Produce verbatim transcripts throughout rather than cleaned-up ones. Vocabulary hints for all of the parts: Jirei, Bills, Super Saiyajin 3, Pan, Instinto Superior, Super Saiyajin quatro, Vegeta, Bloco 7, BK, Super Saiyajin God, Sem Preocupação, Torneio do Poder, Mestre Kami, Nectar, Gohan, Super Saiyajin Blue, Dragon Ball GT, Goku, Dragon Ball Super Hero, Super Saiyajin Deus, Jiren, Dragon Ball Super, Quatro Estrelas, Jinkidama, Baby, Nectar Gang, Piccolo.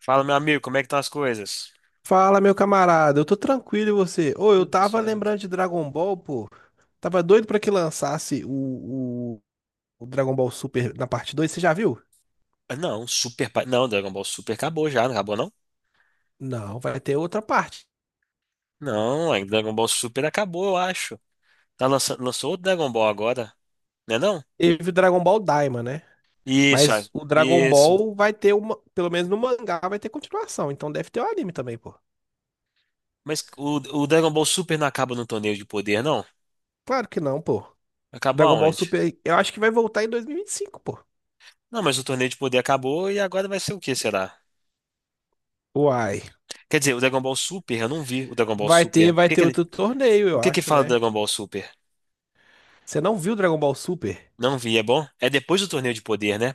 Fala, meu amigo, como é que estão as coisas? Fala, meu camarada, eu tô tranquilo e você? Ô, eu Tudo tava certo. lembrando de Dragon Ball, pô. Tava doido pra que lançasse o, o, o Dragon Ball Super na parte dois. Você já viu? Ah, não, Super. pa- Não, Dragon Ball Super acabou já, não acabou não? Não, vai ter outra parte. Não, ainda Dragon Ball Super acabou, eu acho. Tá lançando, lançou outro Dragon Ball agora, né não? Teve o Dragon Ball Daima, né? Isso, Mas ah, o Dragon isso. Ball vai ter uma, pelo menos no mangá vai ter continuação, então deve ter o anime também, pô. Mas o, o Dragon Ball Super não acaba no torneio de poder, não? Claro que não, pô. Acabou Dragon Ball aonde? Super, eu acho que vai voltar em dois mil e vinte e cinco, pô. Não, mas o torneio de poder acabou e agora vai ser o que, será? Uai, Quer dizer, o Dragon Ball Super, eu não vi o Dragon Ball vai Super. ter, O vai que ter que ele, outro torneio, O eu que que acho, fala do né? Dragon Ball Super? Você não viu Dragon Ball Super? Não vi, é bom? É depois do torneio de poder, né?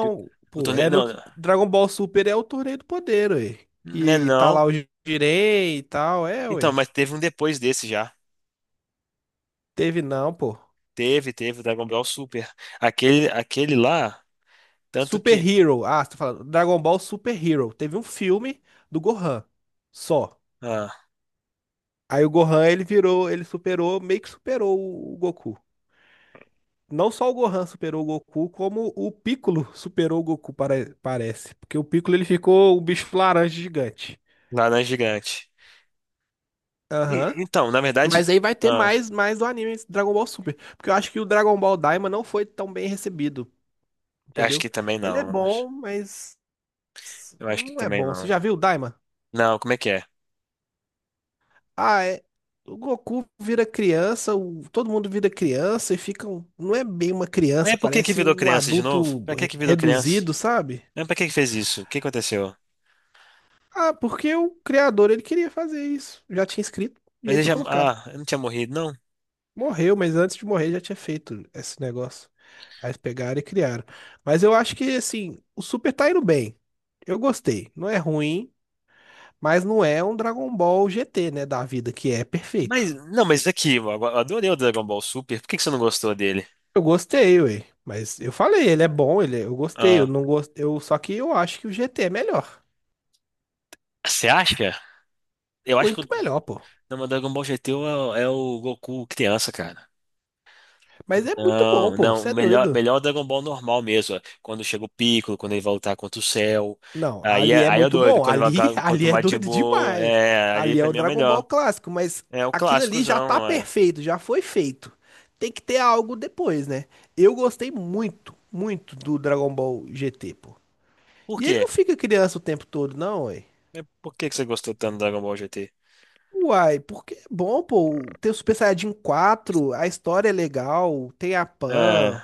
Que- O pô, torneio, é no não, Dragon Ball Super é o Torneio do Poder, ué. não é Que tá não. lá o Jirei e tal, é, Então, ué. mas teve um depois desse já. Teve não, pô. Teve, teve o Dragon Ball Super. Aquele, aquele lá, tanto Super que. Hero, ah, você tá falando, Dragon Ball Super Hero. Teve um filme do Gohan, só. Ah, Aí o Gohan, ele virou, ele superou, meio que superou o o Goku. Não só o Gohan superou o Goku, como o Piccolo superou o Goku, pare- parece. Porque o Piccolo, ele ficou o bicho laranja gigante. laranja gigante. E- Aham. então, na verdade. Mas aí vai ter Ah, mais, mais do anime Dragon Ball Super. Porque eu acho que o Dragon Ball Daima não foi tão bem recebido, acho entendeu? que também Ele é não. bom, mas Eu acho que não é também bom. Você não. já viu o Daima? Não, como é que é? Ah, é. O Goku vira criança, o- todo mundo vira criança e fica. um- Não é bem uma Mas criança, por que que parece virou um criança de novo? adulto Pra que re- que virou criança? reduzido, sabe? Mas pra que que fez isso? O que aconteceu? Ah, porque o criador ele queria fazer isso. Já tinha escrito e Mas ele eles já. colocaram. Ah, eu não tinha morrido, não. Morreu, mas antes de morrer já tinha feito esse negócio. Aí eles pegaram e criaram. Mas eu acho que, assim, o Super tá indo bem. Eu gostei. Não é ruim, mas não é um Dragon Ball G T, né, da vida, que é Mas, perfeito. não, mas aqui, eu adorei o Dragon Ball Super. Por que que você não gostou dele? Eu gostei, ué. Mas eu falei, ele é bom, ele é- eu gostei. Eu Ah, não gost... eu... Só que eu acho que o G T é melhor. você acha? Eu acho que. Muito melhor, pô. Não, mas Dragon Ball G T é, o é o Goku criança, cara. Mas é muito bom, Não, pô. não, Você é melhor, doido. melhor Dragon Ball normal mesmo, ó. Quando chega o Piccolo, quando ele vai lutar contra o Cell. Não, Aí ali é, é aí é muito doido, bom. quando ele Ali, vai contra ali o é Majin doido Buu, demais. é, ali Ali é pra o mim é o Dragon Ball melhor. clássico, mas É o aquilo ali já tá clássicozão, é. perfeito, já foi feito. Tem que ter algo depois, né? Eu gostei muito, muito do Dragon Ball G T, pô. Por E ele quê? não fica criança o tempo todo, não, ué. É, por que que você gostou tanto do Dragon Ball G T? Uai, porque é bom, pô. Tem o Super Saiyajin quatro, a história é legal, tem a É, Pan,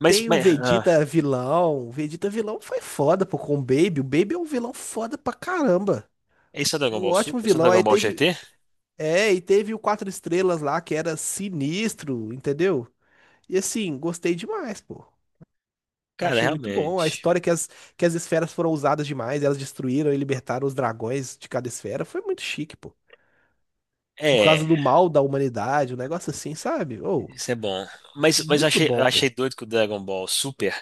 mas, tem o mas ah, Vegeta vilão. O Vegeta vilão foi foda, pô, com o Baby. O Baby é um vilão foda pra caramba. esse é o Dragon Um Ball Su, ótimo esse é o vilão. Dragon Aí Ball teve. G T? É, e teve o Quatro Estrelas lá, que era sinistro, entendeu? E assim, gostei demais, pô. Cara, Achei muito bom. A realmente. história que as, que as esferas foram usadas demais, elas destruíram e libertaram os dragões de cada esfera. Foi muito chique, pô. Por causa É, do mal da humanidade, um negócio assim, sabe? Ou, isso é bom. Mas, mas eu muito achei, eu bom, pô. achei doido que o Dragon Ball Super.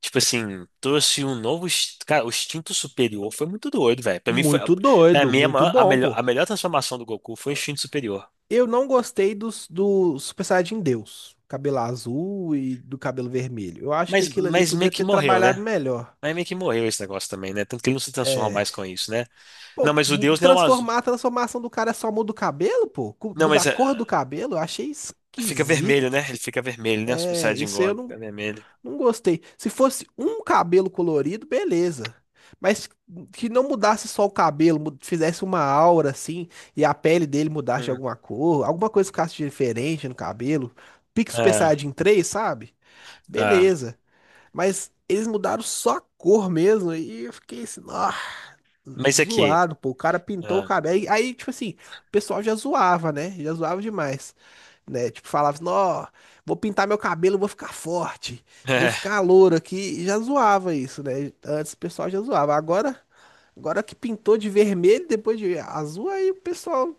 Tipo assim, trouxe um novo. ins- Cara, o instinto superior foi muito doido, velho. Pra mim, foi, Muito pra doido, mim a, muito maior- a bom, melhor, pô. a melhor transformação do Goku foi o instinto superior. Eu não gostei dos, do Super Saiyajin Deus. Cabelo azul e do cabelo vermelho. Eu acho que Mas, aquilo ali mas meio podia que ter morreu, trabalhado né? melhor. Mas meio que morreu esse negócio também, né? Tanto que ele não se transforma mais com isso, né? Pô, Não, mas o Deus não é o azul. transformar, a transformação do cara é só muda o cabelo, pô? Cu- Não, Muda a mas é, cor do cabelo? Eu achei fica vermelho, né? esquisito. Ele fica vermelho, né? O Super É, Saiyajin isso aí eu God não, fica vermelho. não gostei. Se fosse um cabelo colorido, beleza. Mas que não mudasse só o cabelo, mu- fizesse uma aura assim, e a pele dele mudasse de Hum. alguma cor, alguma coisa ficasse diferente no cabelo. Pique Super Ah, Saiyajin três, sabe? ah. Beleza. Mas eles mudaram só a cor mesmo, e eu fiquei assim, ó. Mas é que. Zoado, pô. O cara pintou o Ah. cabelo. Aí, aí, tipo assim, o pessoal já zoava, né? Já zoava demais, né? Tipo, falava assim, ó, vou pintar meu cabelo, vou ficar forte, vou ficar louro aqui. E já zoava isso, né? Antes o pessoal já zoava. Agora, agora que pintou de vermelho, depois de azul, aí o pessoal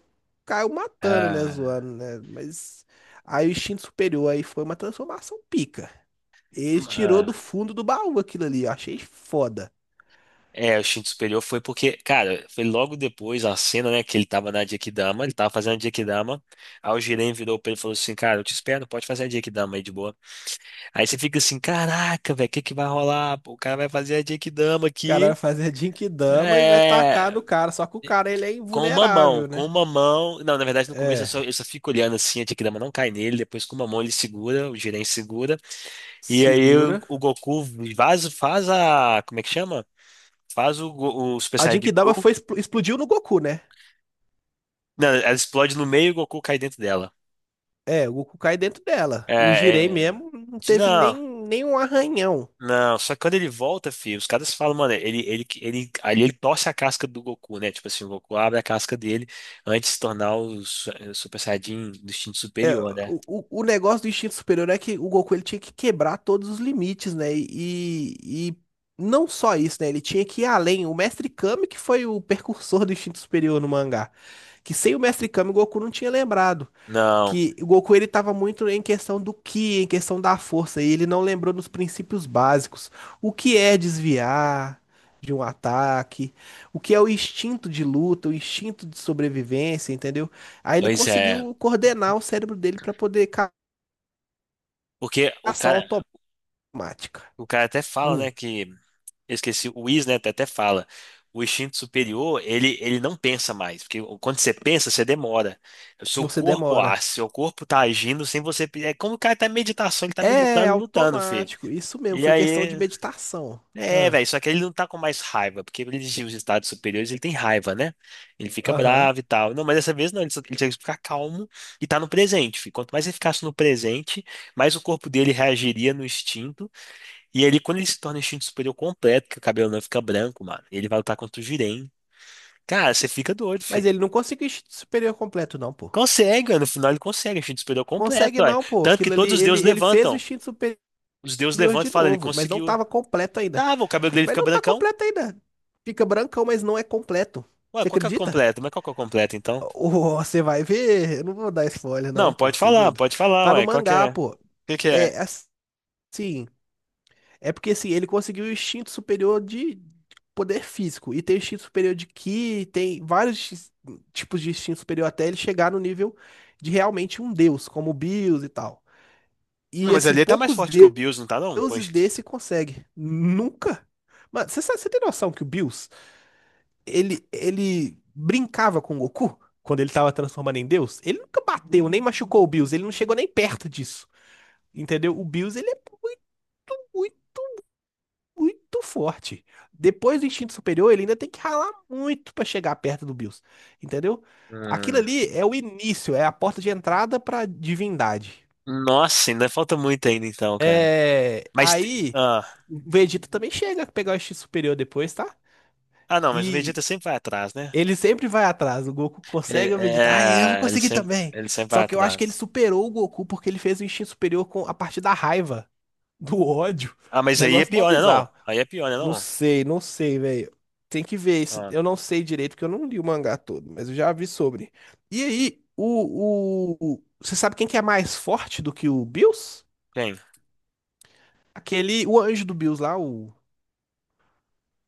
caiu matando, né? Ah. Zoando, né? Mas aí o instinto superior aí foi uma transformação pica. Ele tirou do Ah. fundo do baú aquilo ali. Eu achei foda. É, o instinto superior foi porque, cara, foi logo depois a cena, né, que ele tava na Jequidama, ele tava fazendo a Jequidama, aí o Jiren virou pra ele e falou assim, cara, eu te espero, pode fazer a Jequidama aí de boa. Aí você fica assim, caraca, velho, o que que vai rolar? Pô, o cara vai fazer a Jequidama Cara vai aqui, fazer Jinkidama e vai tacar é, no cara. Só que o cara, ele é com uma mão, invulnerável, com né? uma mão, não, na verdade no começo eu só, É, eu só fico olhando assim, a Jequidama não cai nele, depois com uma mão ele segura, o Jiren segura, e aí o, segura. o Goku faz, faz a, como é que chama? Faz o, Go- o Super A Saiyajin Jinkidama Blue. foi, expl- explodiu no Goku, né? Não, ela explode no meio e o Goku cai dentro dela. É, o Goku cai dentro dela. O É, Jirei é... mesmo não de- teve Não, nem, nem um arranhão. não. Só que quando ele volta, filho, os caras falam, mano, ele, ele, ele, ali ele torce a casca do Goku, né? Tipo assim, o Goku abre a casca dele antes de se tornar o su- é, o Super Saiyajin do instinto superior, né? O, o, o negócio do instinto superior é que o Goku ele tinha que quebrar todos os limites, né? E, e não só isso, né? Ele tinha que ir além. O Mestre Kami que foi o precursor do instinto superior no mangá. Que sem o Mestre Kami o Goku não tinha lembrado. Não, Que o Goku ele estava muito em questão do ki, em questão da força, e ele não lembrou dos princípios básicos. O que é desviar de um ataque, o que é o instinto de luta, o instinto de sobrevivência, entendeu? Aí ele pois é. conseguiu coordenar o cérebro dele para poder ca- Porque o ação cara, automática. o cara até fala, Hum, né, que eu esqueci, o Is, né, até fala, o instinto superior, ele, ele não pensa mais, porque quando você pensa, você demora. O seu você corpo demora. age, seu corpo tá agindo sem você... pe- É como o cara tá em meditação, ele tá É meditando, lutando, filho. automático, isso mesmo, E foi questão de aí... meditação. É, Ah, velho, só que ele não tá com mais raiva, porque ele diz os estados superiores, ele tem raiva, né? Ele fica aham. bravo e tal. Não, mas dessa vez não, ele só- ele tem que ficar calmo e tá no presente, filho. Quanto mais ele ficasse no presente, mais o corpo dele reagiria no instinto, e ele, quando ele se torna instinto superior completo, que o cabelo não fica branco, mano, e ele vai lutar contra o Jiren. Cara, você fica doido, Mas filho. ele não conseguiu o instinto superior completo, não, pô. Consegue, mano. No final ele consegue, instinto superior completo, Consegue olha. não, pô. Tanto que Aquilo ali, todos os ele, deuses ele fez o levantam. instinto superior Os deuses levantam de e falam, ele novo, mas não conseguiu. tava completo ainda. Tava, o cabelo dele Mas fica não tá brancão. completo ainda. Fica brancão, mas não é completo. Ué, Você qual que é o acredita? completo? Mas qual que é o completo, então? Ô, você vai ver. Eu não vou dar spoiler, Não, não, pô. pode Você é falar, doido. pode falar, Tá no ué. Qual que mangá, é? O pô. que que é? É assim. É porque assim, ele conseguiu o instinto superior de poder físico. E tem instinto superior de ki, tem vários ins- tipos de instinto superior até ele chegar no nível de realmente um deus, como o Bills e tal. Não, E mas assim, ali ele tá mais poucos forte que o Bills, não tá, não? deuses Pois- desse consegue. Nunca. Mano, você sabe- você tem noção que o Bills, ele, ele brincava com o Goku quando ele tava transformando em Deus? Ele nunca bateu, nem machucou o Bills, ele não chegou nem perto disso. Entendeu? O Bills, ele é muito, muito, muito forte. Depois do instinto superior, ele ainda tem que ralar muito pra chegar perto do Bills. Entendeu? Aquilo Hum. ali é o início, é a porta de entrada pra divindade. Nossa, ainda falta muito ainda, então, cara. É, Mas... te- aí Ah, o Vegeta também chega a pegar o instinto superior depois, tá? ah não, mas o Vegeta E sempre vai atrás, né? ele sempre vai atrás. O Goku Ele, consegue, o Vegeta, ah, eu vou é, ele conseguir sempre, também. ele sempre Só vai que eu acho que ele atrás. superou o Goku porque ele fez o instinto superior com a partir da raiva, do ódio. Ah, Um mas aí é negócio mó pior, né, não? bizarro. Aí é pior, né, Não não? sei, não sei, velho. Tem que ver isso. Eu Ah, não sei direito, porque eu não li o mangá todo, mas eu já vi sobre. E aí, o, o, o- você sabe quem que é mais forte do que o Bills? quem? Aquele, o anjo do Bills lá, o,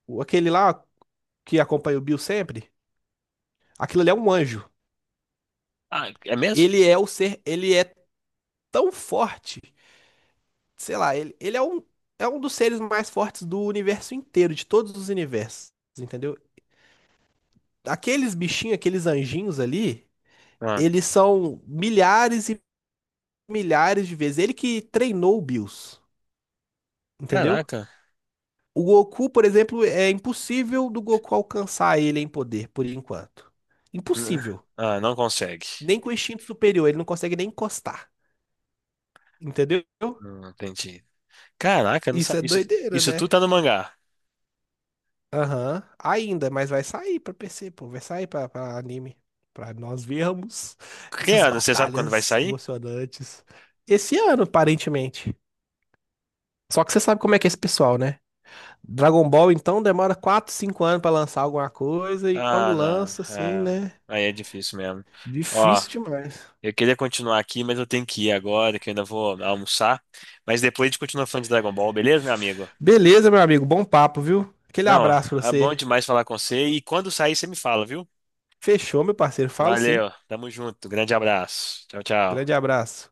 o- aquele lá que acompanha o Bills sempre. Aquilo ali é um anjo. Ah, é mesmo? Ele é o ser, ele é tão forte. Sei lá, ele, ele é um, é um dos seres mais fortes do universo inteiro, de todos os universos, entendeu? Aqueles bichinhos, aqueles anjinhos ali, Ah, eles são milhares e milhares de vezes. Ele que treinou o Bills, entendeu? caraca. O Goku, por exemplo, é impossível do Goku alcançar ele em poder, por enquanto. N- Impossível. Ah, não consegue. Nem com o instinto superior, ele não consegue nem encostar. Entendeu? Não entendi. Caraca, não Isso sa- é Isso, doideira, isso tudo né? tá no mangá. Aham, ainda, mas vai sair pra P C, pô, vai sair pra, pra anime, pra nós vermos Que essas ano? Você sabe quando vai batalhas sair? emocionantes esse ano, aparentemente. Só que você sabe como é que é esse pessoal, né? Dragon Ball, então, demora quatro, cinco anos pra lançar alguma coisa, e quando Ah, não. lança, assim, É, né? aí é difícil mesmo. Ó, Difícil demais. eu queria continuar aqui, mas eu tenho que ir agora, que eu ainda vou almoçar. Mas depois a gente continua falando de Dragon Ball, beleza, meu amigo? Beleza, meu amigo, bom papo, viu? Aquele Não, abraço pra é você. bom demais falar com você. E quando sair, você me fala, viu? Fechou, meu parceiro, falo sim. Valeu, tamo junto. Grande abraço. Tchau, Grande tchau. abraço.